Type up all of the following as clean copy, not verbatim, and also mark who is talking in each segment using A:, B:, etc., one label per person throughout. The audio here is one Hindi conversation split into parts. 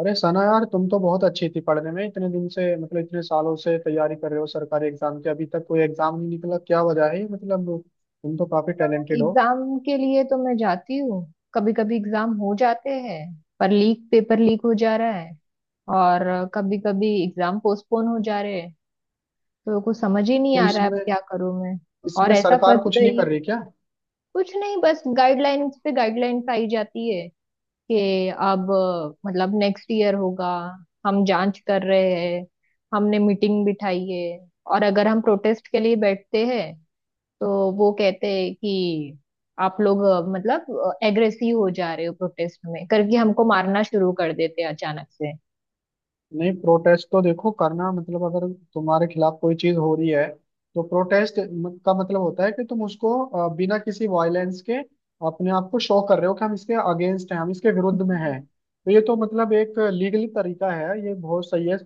A: अरे सना यार, तुम तो बहुत अच्छी थी पढ़ने में। इतने दिन से, मतलब इतने सालों से तैयारी कर रहे हो सरकारी एग्जाम की। अभी तक कोई एग्जाम नहीं निकला, क्या वजह है ये? मतलब तुम तो काफी टैलेंटेड हो।
B: एग्जाम के लिए तो मैं जाती हूँ। कभी कभी एग्जाम हो जाते हैं। पर लीक पेपर लीक हो जा रहा है और कभी कभी एग्जाम पोस्टपोन हो जा रहे हैं। तो कुछ समझ ही नहीं
A: तो
B: आ रहा है, अब
A: इसमें
B: क्या करूँ मैं? और
A: इसमें
B: ऐसा
A: सरकार
B: फंस
A: कुछ नहीं
B: गई।
A: कर रही क्या?
B: कुछ नहीं, बस गाइडलाइंस पे गाइडलाइंस आई जाती है कि अब, मतलब नेक्स्ट ईयर होगा, हम जांच कर रहे हैं, हमने मीटिंग बिठाई है। और अगर हम प्रोटेस्ट के लिए बैठते हैं तो वो कहते हैं कि आप लोग मतलब एग्रेसिव हो जा रहे हो, प्रोटेस्ट में करके हमको मारना शुरू कर देते हैं अचानक से।
A: नहीं, प्रोटेस्ट तो देखो करना, मतलब अगर तुम्हारे खिलाफ कोई चीज हो रही है तो प्रोटेस्ट का मतलब होता है कि तुम उसको बिना किसी वायलेंस के अपने आप को शो कर रहे हो कि हम इसके अगेंस्ट हैं, हम इसके विरुद्ध में हैं। तो ये तो मतलब एक लीगली तरीका है, ये बहुत सही है।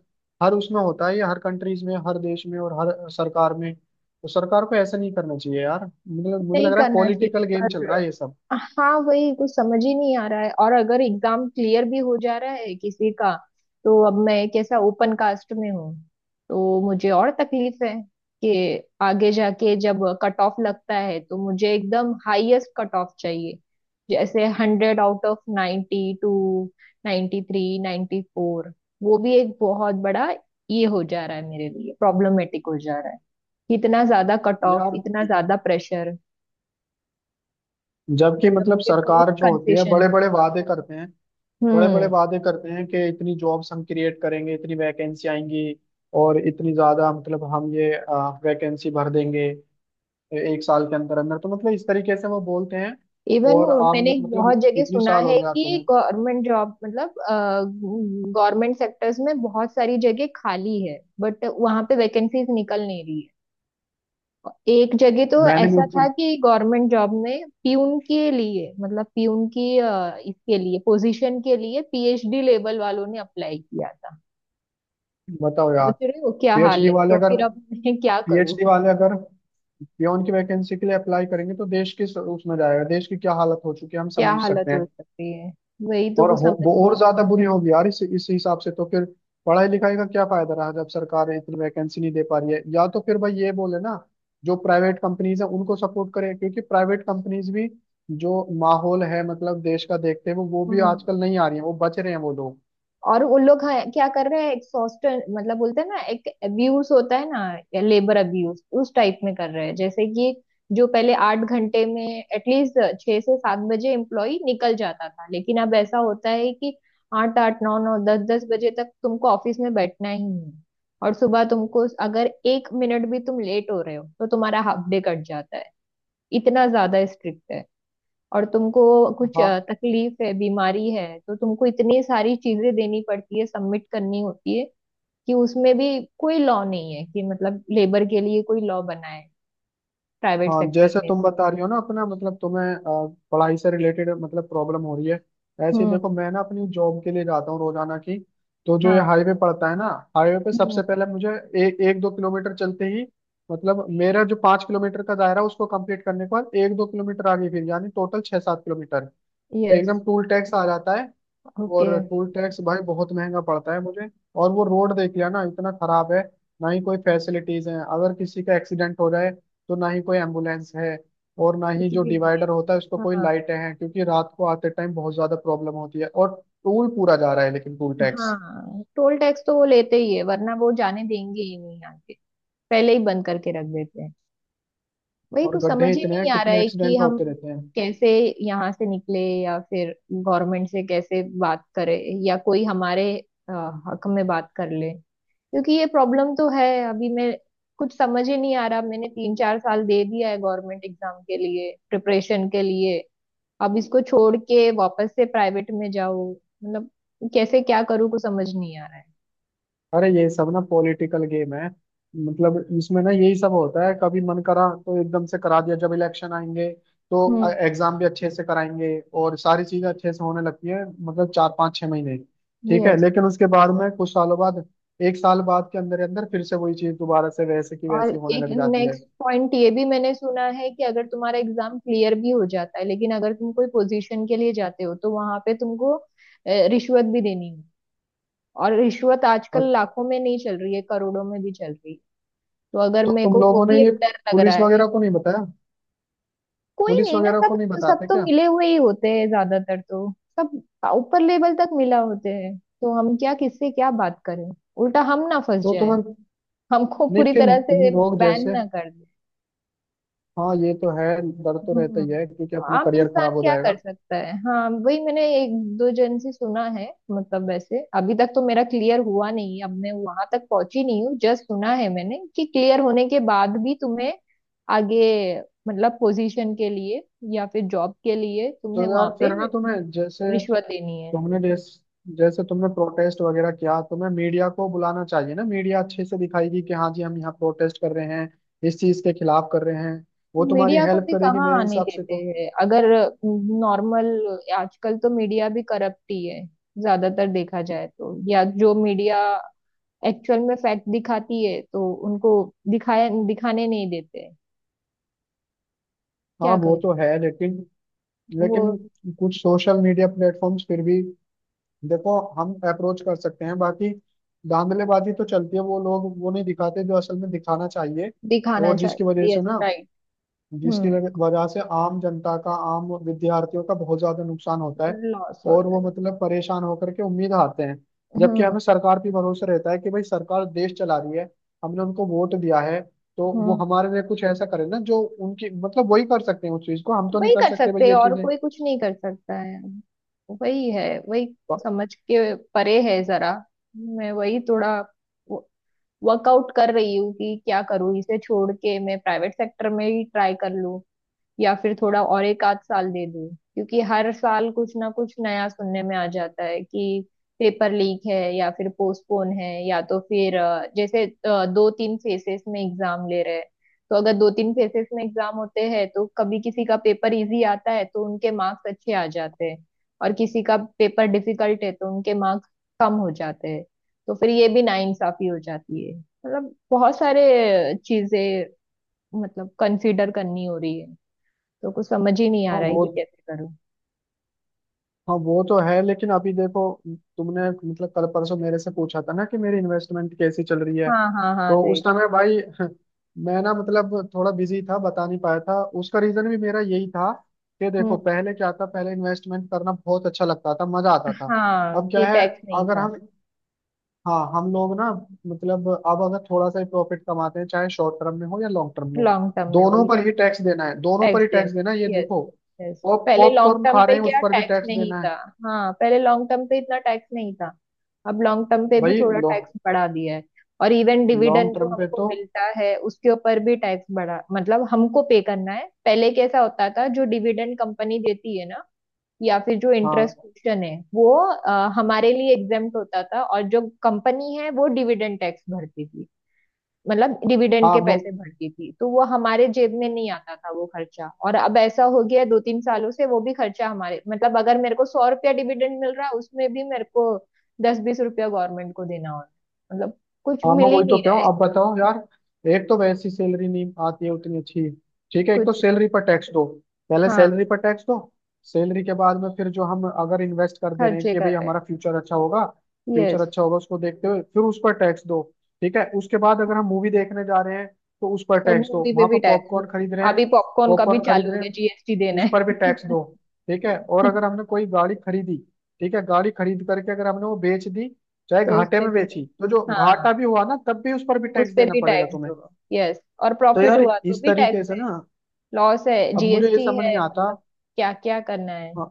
A: हर उसमें होता है ये, हर कंट्रीज में, हर देश में और हर सरकार में। तो सरकार को ऐसा नहीं करना चाहिए यार, मतलब मुझे
B: नहीं
A: लग रहा है
B: करना चाहिए,
A: पॉलिटिकल गेम चल
B: पर
A: रहा है ये सब।
B: हाँ, वही कुछ समझ ही नहीं आ रहा है। और अगर एग्जाम क्लियर भी हो जा रहा है किसी का, तो अब मैं कैसा ओपन कास्ट में हूँ, तो मुझे और तकलीफ है कि आगे जाके जब कट ऑफ लगता है तो मुझे एकदम हाईएस्ट कट ऑफ चाहिए। जैसे 100 आउट ऑफ 92, 93 94 वो भी एक बहुत बड़ा ये हो जा रहा है, मेरे लिए प्रॉब्लमेटिक हो जा रहा है। इतना ज्यादा कट ऑफ,
A: यार,
B: इतना ज्यादा प्रेशर।
A: जबकि
B: मतलब
A: मतलब
B: मुझे कुछ
A: सरकार जो होती है
B: कंसेशन
A: बड़े
B: नहीं।
A: बड़े वादे करते हैं बड़े बड़े
B: हम्म।
A: वादे करते हैं कि इतनी जॉब्स हम क्रिएट करेंगे, इतनी वैकेंसी आएंगी, और इतनी ज्यादा मतलब हम ये वैकेंसी भर देंगे एक साल के अंदर अंदर। तो मतलब इस तरीके से वो बोलते हैं।
B: इवन
A: और आप
B: मैंने
A: मतलब
B: बहुत जगह
A: इतनी
B: सुना
A: साल हो
B: है
A: गया
B: कि
A: तुम्हें।
B: गवर्नमेंट जॉब, मतलब गवर्नमेंट सेक्टर्स में बहुत सारी जगह खाली है, बट वहां पे वैकेंसीज निकल नहीं रही है। एक जगह तो
A: मैंने भी
B: ऐसा था
A: उनसे-।
B: कि गवर्नमेंट जॉब में प्यून के लिए, मतलब प्यून की इसके लिए, पोजीशन के लिए पीएचडी लेवल वालों ने अप्लाई किया था।
A: बताओ यार।
B: सोच रहे हो क्या हाल
A: पीएचडी
B: है,
A: वाले
B: तो
A: अगर
B: फिर अब मैं क्या करूँ?
A: पीएचडी वाले अगर पियोन की वैकेंसी के लिए अप्लाई करेंगे तो देश किस उसमें जाएगा, देश की क्या हालत हो चुकी है हम
B: क्या
A: समझ
B: हालत
A: सकते हैं।
B: हो सकती है, वही तो
A: और
B: कुछ
A: हो,
B: समझ।
A: वो और ज्यादा बुरी होगी यार, इस हिसाब से तो फिर पढ़ाई लिखाई का क्या फायदा रहा जब सरकार इतनी वैकेंसी नहीं दे पा रही है? या तो फिर भाई ये बोले ना, जो प्राइवेट कंपनीज है उनको सपोर्ट करें, क्योंकि प्राइवेट कंपनीज भी जो माहौल है मतलब देश का देखते हैं, वो भी
B: हम्म।
A: आजकल नहीं आ रही है, वो बच रहे हैं वो लोग।
B: और उन लोग, हाँ, क्या कर रहे हैं, एक्सॉस्ट, मतलब बोलते हैं ना, एक अब्यूज होता है ना, लेबर अब्यूज, उस टाइप में कर रहे हैं। जैसे कि जो पहले 8 घंटे में, एटलीस्ट 6 से 7 बजे एम्प्लॉय निकल जाता था, लेकिन अब ऐसा होता है कि आठ आठ नौ नौ दस दस बजे तक तुमको ऑफिस में बैठना ही है। और सुबह तुमको अगर 1 मिनट भी तुम लेट हो रहे हो तो तुम्हारा हाफ डे कट जाता है। इतना ज्यादा स्ट्रिक्ट। और तुमको कुछ
A: हाँ।
B: तकलीफ है, बीमारी है तो तुमको इतनी सारी चीजें देनी पड़ती है, सबमिट करनी होती है। कि उसमें भी कोई लॉ नहीं है कि, मतलब लेबर के लिए कोई लॉ बना है, प्राइवेट
A: हाँ,
B: सेक्टर
A: जैसे
B: में
A: तुम
B: भी।
A: बता रही हो ना अपना, मतलब तुम्हें पढ़ाई से रिलेटेड मतलब प्रॉब्लम हो रही है। ऐसे ही देखो
B: हम्म।
A: मैं ना अपनी जॉब के लिए जाता हूँ रोजाना की। तो जो ये
B: हाँ।
A: हाईवे पड़ता है ना, हाईवे पे सबसे
B: हम्म।
A: पहले मुझे एक दो किलोमीटर चलते ही, मतलब मेरा जो 5 किलोमीटर का दायरा है, उसको कंप्लीट करने के बाद एक दो किलोमीटर आगे फिर यानी टोटल छः सात किलोमीटर
B: यस।
A: एकदम टूल टैक्स आ जाता है।
B: ओके।
A: और टूल टैक्स भाई बहुत महंगा पड़ता है मुझे। और वो रोड देख लिया ना, इतना खराब है। ना ही कोई फैसिलिटीज हैं, अगर किसी का एक्सीडेंट हो जाए तो ना ही कोई एम्बुलेंस है, और ना ही
B: कुछ
A: जो
B: भी नहीं है।
A: डिवाइडर होता है उसको कोई
B: हाँ।
A: लाइटें हैं, क्योंकि रात को आते टाइम बहुत ज्यादा प्रॉब्लम होती है। और टूल पूरा जा रहा है लेकिन टूल टैक्स,
B: हाँ, टोल टैक्स तो वो लेते ही है, वरना वो जाने देंगे ही नहीं आगे। पहले ही बंद करके रख देते हैं। वही
A: और
B: कुछ समझ
A: गड्ढे
B: ही
A: इतने हैं,
B: नहीं आ रहा
A: कितने
B: है कि
A: एक्सीडेंट
B: हम
A: होते रहते हैं।
B: कैसे यहाँ से निकले, या फिर गवर्नमेंट से कैसे बात करें, या कोई हमारे अ, हक में बात कर ले। क्योंकि ये प्रॉब्लम तो है। अभी मैं कुछ समझ ही नहीं आ रहा, मैंने 3 4 साल दे दिया है गवर्नमेंट एग्जाम के लिए, प्रिपरेशन के लिए। अब इसको छोड़ के वापस से प्राइवेट में जाओ, मतलब कैसे, क्या करूँ, कुछ समझ नहीं आ रहा है।
A: अरे ये सब ना पॉलिटिकल गेम है, मतलब इसमें ना यही सब होता है, कभी मन करा तो एकदम से करा दिया। जब इलेक्शन आएंगे तो
B: हम्म।
A: एग्जाम भी अच्छे से कराएंगे और सारी चीजें अच्छे से होने लगती है, मतलब चार पाँच छह महीने, ठीक है।
B: यस।
A: लेकिन उसके बाद में कुछ सालों बाद, एक साल बाद के अंदर अंदर फिर से वही चीज दोबारा से वैसे की
B: और
A: वैसी होने
B: एक
A: लग जाती है।
B: नेक्स्ट पॉइंट ये भी मैंने सुना है कि अगर तुम्हारा एग्जाम क्लियर भी हो जाता है, लेकिन अगर तुम कोई पोजीशन के लिए जाते हो तो वहां पे तुमको रिश्वत भी देनी है। और रिश्वत आजकल
A: और
B: लाखों में नहीं चल रही है, करोड़ों में भी चल रही है। तो अगर
A: तो
B: मेरे
A: तुम
B: को वो
A: लोगों ने
B: भी
A: ये
B: एक डर लग रहा
A: पुलिस
B: है।
A: वगैरह को नहीं बताया?
B: कोई
A: पुलिस
B: नहीं ना,
A: वगैरह को
B: सब
A: नहीं
B: सब
A: बताते
B: तो
A: क्या?
B: मिले हुए ही होते हैं ज्यादातर तो। सब ऊपर लेवल तक मिला होते हैं, तो हम क्या, किससे क्या बात करें? उल्टा हम ना फंस
A: तो
B: जाए,
A: तुम्हें, नहीं
B: हमको पूरी
A: फिर
B: तरह से
A: तुम लोग
B: बैन
A: जैसे,
B: ना कर।
A: हाँ, ये तो है। डर तो रहता
B: हम्म।
A: ही है क्योंकि अपना
B: आम
A: करियर
B: इंसान
A: खराब हो
B: क्या कर
A: जाएगा।
B: सकता है? हाँ, वही मैंने एक दो जन से सुना है, मतलब वैसे अभी तक तो मेरा क्लियर हुआ नहीं है, अब मैं वहां तक पहुंची नहीं हूँ, जस्ट सुना है मैंने कि क्लियर होने के बाद भी तुम्हें आगे, मतलब पोजीशन के लिए या फिर जॉब के लिए
A: तो
B: तुम्हें वहां
A: यार
B: पे
A: फिर ना, तुम्हें जैसे,
B: रिश्वत देनी है।
A: तुमने जैस, जैसे तुमने प्रोटेस्ट वगैरह किया, तुम्हें मीडिया को बुलाना चाहिए ना। मीडिया अच्छे से दिखाएगी कि हाँ जी हम यहाँ प्रोटेस्ट कर रहे हैं, इस चीज के खिलाफ कर रहे हैं। वो तुम्हारी
B: मीडिया को
A: हेल्प
B: भी
A: करेगी
B: कहाँ
A: मेरे
B: आने
A: हिसाब से
B: देते
A: तो।
B: हैं, अगर नॉर्मल। आजकल तो मीडिया भी करप्ट ही है ज्यादातर, देखा जाए तो। या जो मीडिया एक्चुअल में फैक्ट दिखाती है तो उनको दिखाया, दिखाने नहीं देते, क्या
A: हाँ, वो
B: करें।
A: तो है लेकिन,
B: वो
A: लेकिन कुछ सोशल मीडिया प्लेटफॉर्म्स फिर भी देखो, हम अप्रोच कर सकते हैं। बाकी धांधलेबाजी तो चलती है, वो लोग वो नहीं दिखाते जो असल में दिखाना चाहिए।
B: दिखाना
A: और जिसकी वजह
B: चाहिए,
A: से
B: यस,
A: ना,
B: राइट। हम्म।
A: वजह से आम जनता का, आम विद्यार्थियों का बहुत ज्यादा नुकसान होता है।
B: लॉस हो
A: और
B: रहा है।
A: वो मतलब परेशान होकर के उम्मीद हारते हैं। जबकि
B: हम्म।
A: हमें सरकार पे भरोसा रहता है कि भाई सरकार देश चला रही है, हमने उनको वोट दिया है, तो वो
B: हम्म।
A: हमारे लिए कुछ ऐसा करे ना जो उनकी मतलब वही कर सकते हैं, उस चीज को हम तो नहीं
B: वही
A: कर
B: कर
A: सकते भाई,
B: सकते हैं,
A: ये
B: और
A: चीजें
B: कोई कुछ नहीं कर सकता है। वही है वही।
A: प-।
B: समझ के परे है जरा। मैं वही थोड़ा वर्कआउट कर रही हूँ कि क्या करूँ, इसे छोड़ के मैं प्राइवेट सेक्टर में ही ट्राई कर लूँ, या फिर थोड़ा और एक आध साल दे दूं। क्योंकि हर साल कुछ ना कुछ नया सुनने में आ जाता है कि पेपर लीक है, या फिर पोस्टपोन है, या तो फिर जैसे 2 3 फेसेस में एग्जाम ले रहे हैं। तो अगर 2 3 फेसेस में एग्जाम होते हैं तो कभी किसी का पेपर इजी आता है तो उनके मार्क्स अच्छे आ जाते हैं, और किसी का पेपर डिफिकल्ट है तो उनके मार्क्स कम हो जाते हैं। तो फिर ये भी नाइंसाफी हो जाती है, मतलब बहुत सारे चीजें मतलब कंसीडर करनी हो रही है। तो कुछ समझ ही नहीं आ
A: हाँ
B: रहा है
A: वो
B: कि कैसे करूँ।
A: हाँ, वो तो है लेकिन अभी देखो, तुमने मतलब कल परसों मेरे से पूछा था ना कि मेरी इन्वेस्टमेंट कैसी चल रही है।
B: हाँ हाँ हाँ,
A: तो उस
B: राइट।
A: समय भाई मैं ना मतलब थोड़ा बिजी था, बता नहीं पाया था। उसका रीजन भी मेरा यही था कि देखो,
B: हम्म।
A: पहले क्या था, पहले इन्वेस्टमेंट करना बहुत अच्छा लगता था, मजा आता था।
B: हाँ,
A: अब
B: कि
A: क्या है,
B: टैक्स नहीं
A: अगर
B: था।
A: हम हाँ, हम लोग ना, मतलब अब अगर थोड़ा सा ही प्रॉफिट कमाते हैं चाहे शॉर्ट टर्म में हो या लॉन्ग टर्म में हो,
B: लॉन्ग टर्म में हो
A: दोनों
B: ये।
A: पर ही टैक्स देना है, दोनों पर
B: टैक्स
A: ही
B: देना,
A: टैक्स देना है, ये
B: यस।
A: देखो,
B: यस,
A: पॉप
B: पहले लॉन्ग
A: पॉपकॉर्न
B: टर्म
A: खा रहे
B: पे
A: हैं उस
B: क्या
A: पर भी
B: टैक्स
A: टैक्स
B: नहीं
A: देना है।
B: था? हाँ, पहले लॉन्ग टर्म पे इतना टैक्स नहीं था, अब लॉन्ग टर्म पे भी
A: भाई
B: थोड़ा टैक्स बढ़ा दिया है। और इवन
A: लॉन्ग
B: डिविडेंड जो
A: टर्म पे
B: हमको
A: तो,
B: मिलता है उसके ऊपर भी टैक्स बढ़ा, मतलब हमको पे करना है। पहले कैसा होता था जो डिविडेंड कंपनी देती है ना, या फिर जो
A: हाँ,
B: इंटरेस्ट क्वेश्चन है, वो हमारे लिए एग्जेम्प्ट होता था, और जो कंपनी है वो डिविडेंड टैक्स भरती थी। मतलब डिविडेंड
A: हाँ,
B: के पैसे भरती थी, तो वो हमारे जेब में नहीं आता था वो खर्चा। और अब ऐसा हो गया है 2 3 सालों से वो भी खर्चा हमारे, मतलब अगर मेरे को 100 रुपया डिविडेंड मिल रहा है उसमें भी मेरे को 10 20 रुपया गवर्नमेंट को देना हो रहा है, मतलब कुछ
A: हाँ,
B: मिल
A: मैं
B: ही
A: वही तो
B: नहीं
A: कह
B: रहा
A: रहा
B: है।
A: हूँ। अब बताओ यार, एक तो वैसी सैलरी नहीं आती है उतनी अच्छी, ठीक है, एक तो
B: कुछ नहीं।
A: सैलरी पर टैक्स दो, पहले
B: हाँ,
A: सैलरी पर टैक्स दो। सैलरी के बाद में फिर जो हम अगर इन्वेस्ट कर दे रहे हैं
B: खर्चे
A: कि
B: कर
A: भाई
B: रहे हैं।
A: हमारा फ्यूचर अच्छा होगा फ्यूचर
B: यस।
A: अच्छा होगा उसको देखते हुए फिर उस पर टैक्स दो। ठीक है, उसके बाद अगर हम मूवी देखने जा रहे हैं तो उस पर
B: तो
A: टैक्स दो,
B: मूवी पे
A: वहां
B: भी
A: पर
B: टैक्स लो।
A: पॉपकॉर्न खरीद रहे हैं,
B: अभी पॉपकॉर्न का भी
A: पॉपकॉर्न
B: चालू
A: खरीद
B: हो
A: रहे
B: गया
A: हैं
B: जीएसटी देना
A: उस पर भी टैक्स दो। ठीक है, और
B: है।
A: अगर हमने कोई गाड़ी खरीदी, ठीक है, गाड़ी खरीद करके अगर हमने वो बेच दी, चाहे
B: तो उस
A: घाटे
B: पे
A: में
B: भी
A: बेची
B: टैक्स।
A: तो जो
B: हाँ,
A: घाटा भी हुआ ना, तब भी उस पर भी
B: उस
A: टैक्स
B: पे
A: देना
B: भी
A: पड़ेगा
B: टैक्स
A: तुम्हें।
B: दो, यस। और
A: तो
B: प्रॉफिट
A: यार
B: हुआ तो
A: इस
B: भी टैक्स
A: तरीके से
B: है,
A: ना,
B: लॉस है,
A: अब मुझे ये
B: जीएसटी
A: समझ नहीं
B: है,
A: आता,
B: मतलब क्या क्या करना है।
A: हाँ,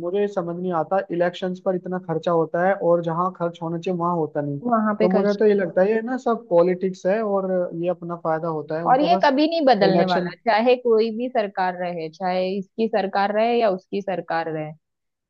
A: मुझे ये समझ नहीं आता, इलेक्शंस पर इतना खर्चा होता है और जहाँ खर्च होना चाहिए वहां होता नहीं।
B: वहां पे
A: तो मुझे
B: खर्च
A: तो ये
B: नहीं।
A: लगता है ये ना सब पॉलिटिक्स है, और ये अपना फायदा होता है
B: और
A: उनका
B: ये
A: बस,
B: कभी नहीं बदलने वाला,
A: इलेक्शन।
B: चाहे कोई भी सरकार रहे, चाहे इसकी सरकार रहे या उसकी सरकार रहे।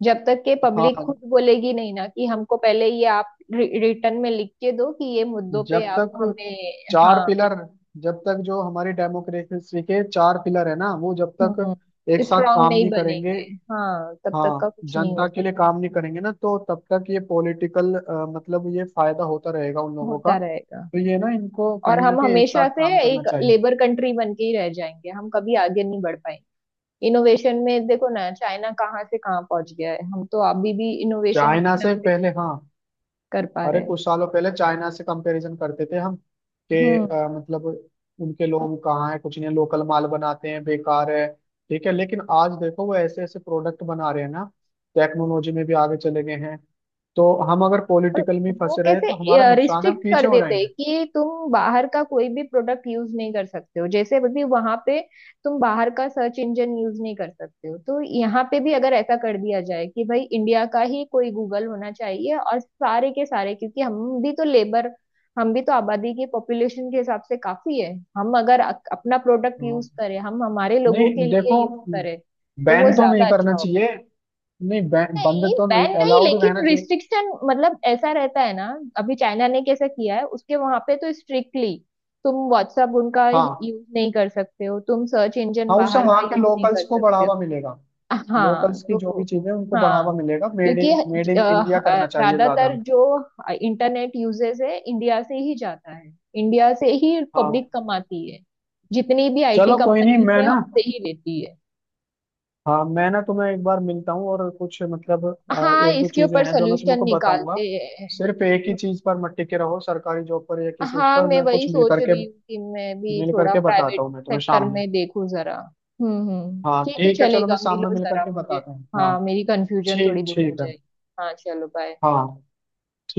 B: जब तक के पब्लिक
A: हाँ,
B: खुद बोलेगी नहीं ना कि हमको पहले ये आप रिटर्न में लिख के दो कि ये मुद्दों पे
A: जब
B: आप
A: तक,
B: हमें।
A: चार
B: हाँ।
A: पिलर, जब तक जो हमारी डेमोक्रेसी के चार पिलर है ना, वो जब
B: हम्म।
A: तक एक साथ
B: स्ट्रांग
A: काम
B: नहीं
A: नहीं करेंगे,
B: बनेंगे। हाँ तब तक
A: हाँ,
B: का कुछ नहीं हो,
A: जनता के लिए काम नहीं करेंगे ना, तो तब तक ये पॉलिटिकल, मतलब ये फायदा होता रहेगा उन लोगों का।
B: होता रहेगा।
A: तो ये ना, इनको
B: और
A: कहीं ना
B: हम
A: कहीं एक साथ
B: हमेशा से
A: काम करना
B: एक
A: चाहिए।
B: लेबर कंट्री बन के ही रह जाएंगे, हम कभी आगे नहीं बढ़ पाएंगे। इनोवेशन में देखो ना, चाइना कहाँ से कहाँ पहुंच गया है, हम तो अभी भी इनोवेशन
A: चाइना
B: के
A: से
B: नाम पे कुछ
A: पहले, हाँ,
B: कर पा
A: अरे
B: रहे हैं।
A: कुछ सालों पहले चाइना से कंपैरिजन करते थे हम कि
B: हम्म।
A: मतलब उनके लोग कहाँ है, कुछ नहीं लोकल माल बनाते हैं, बेकार है, ठीक है। लेकिन आज देखो वो ऐसे ऐसे प्रोडक्ट बना रहे हैं ना, टेक्नोलॉजी में भी आगे चले गए हैं। तो हम अगर
B: और
A: पॉलिटिकल में
B: वो
A: फंसे रहे
B: कैसे
A: तो हमारा नुकसान है, हम
B: रिस्ट्रिक्ट कर
A: पीछे हो
B: देते हैं
A: जाएंगे।
B: कि तुम बाहर का कोई भी प्रोडक्ट यूज नहीं कर सकते हो, जैसे भी वहां पे तुम बाहर का सर्च इंजन यूज नहीं कर सकते हो। तो यहाँ पे भी अगर ऐसा कर दिया जाए कि भाई इंडिया का ही कोई गूगल होना चाहिए, और सारे के सारे, क्योंकि हम भी तो लेबर, हम भी तो आबादी की पॉपुलेशन के हिसाब से काफी है। हम अगर अपना प्रोडक्ट यूज
A: हाँ।
B: करें, हम हमारे लोगों
A: नहीं
B: के लिए
A: देखो,
B: यूज करें, तो वो
A: बैन तो नहीं
B: ज्यादा
A: करना
B: अच्छा होगा।
A: चाहिए, नहीं बैन बंद
B: नहीं
A: तो नहीं,
B: बैन नहीं,
A: अलाउड
B: लेकिन
A: रहना चाहिए।
B: रिस्ट्रिक्शन, मतलब ऐसा रहता है ना। अभी चाइना ने कैसा किया है उसके, वहां पे तो स्ट्रिक्टली तुम व्हाट्सअप उनका
A: हाँ।
B: यूज नहीं कर सकते हो, तुम सर्च इंजन
A: हाँ, उससे
B: बाहर का
A: वहाँ के
B: यूज नहीं
A: लोकल्स
B: कर
A: को
B: सकते हो।
A: बढ़ावा मिलेगा,
B: हाँ
A: लोकल्स की जो
B: तो।
A: भी चीजें उनको
B: हाँ,
A: बढ़ावा मिलेगा, मेड
B: क्योंकि
A: इन मेड इन इंडिया करना चाहिए ज्यादा
B: ज्यादातर
A: हमें।
B: जो इंटरनेट यूजेस है इंडिया से ही जाता है, इंडिया से ही
A: हाँ,
B: पब्लिक कमाती है, जितनी भी आईटी
A: चलो कोई नहीं।
B: कंपनीज
A: मैं
B: है
A: ना,
B: हमसे ही लेती है।
A: हाँ, मैं ना तुम्हें एक बार मिलता हूँ, और कुछ मतलब
B: हाँ,
A: एक दो
B: इसके
A: चीजें
B: ऊपर
A: हैं जो मैं
B: सोल्यूशन
A: तुमको बताऊंगा।
B: निकालते
A: सिर्फ एक ही
B: हैं।
A: चीज पर मत टिके रहो सरकारी जॉब पर या किसी उस
B: हाँ,
A: पर।
B: मैं
A: मैं
B: वही
A: कुछ मिल
B: सोच
A: करके,
B: रही हूँ कि मैं भी थोड़ा
A: बताता
B: प्राइवेट
A: हूँ मैं तुम्हें
B: सेक्टर
A: शाम में।
B: में देखूँ जरा। हम्म,
A: हाँ,
B: ठीक है,
A: ठीक है, चलो
B: चलेगा,
A: मैं शाम में
B: मिलो
A: मिल
B: जरा
A: करके
B: मुझे।
A: बताता हूँ। हाँ,
B: हाँ, मेरी कंफ्यूजन थोड़ी
A: ठीक
B: दूर हो
A: ठीक है।
B: जाएगी। हाँ, चलो बाय।
A: हाँ, ठीक।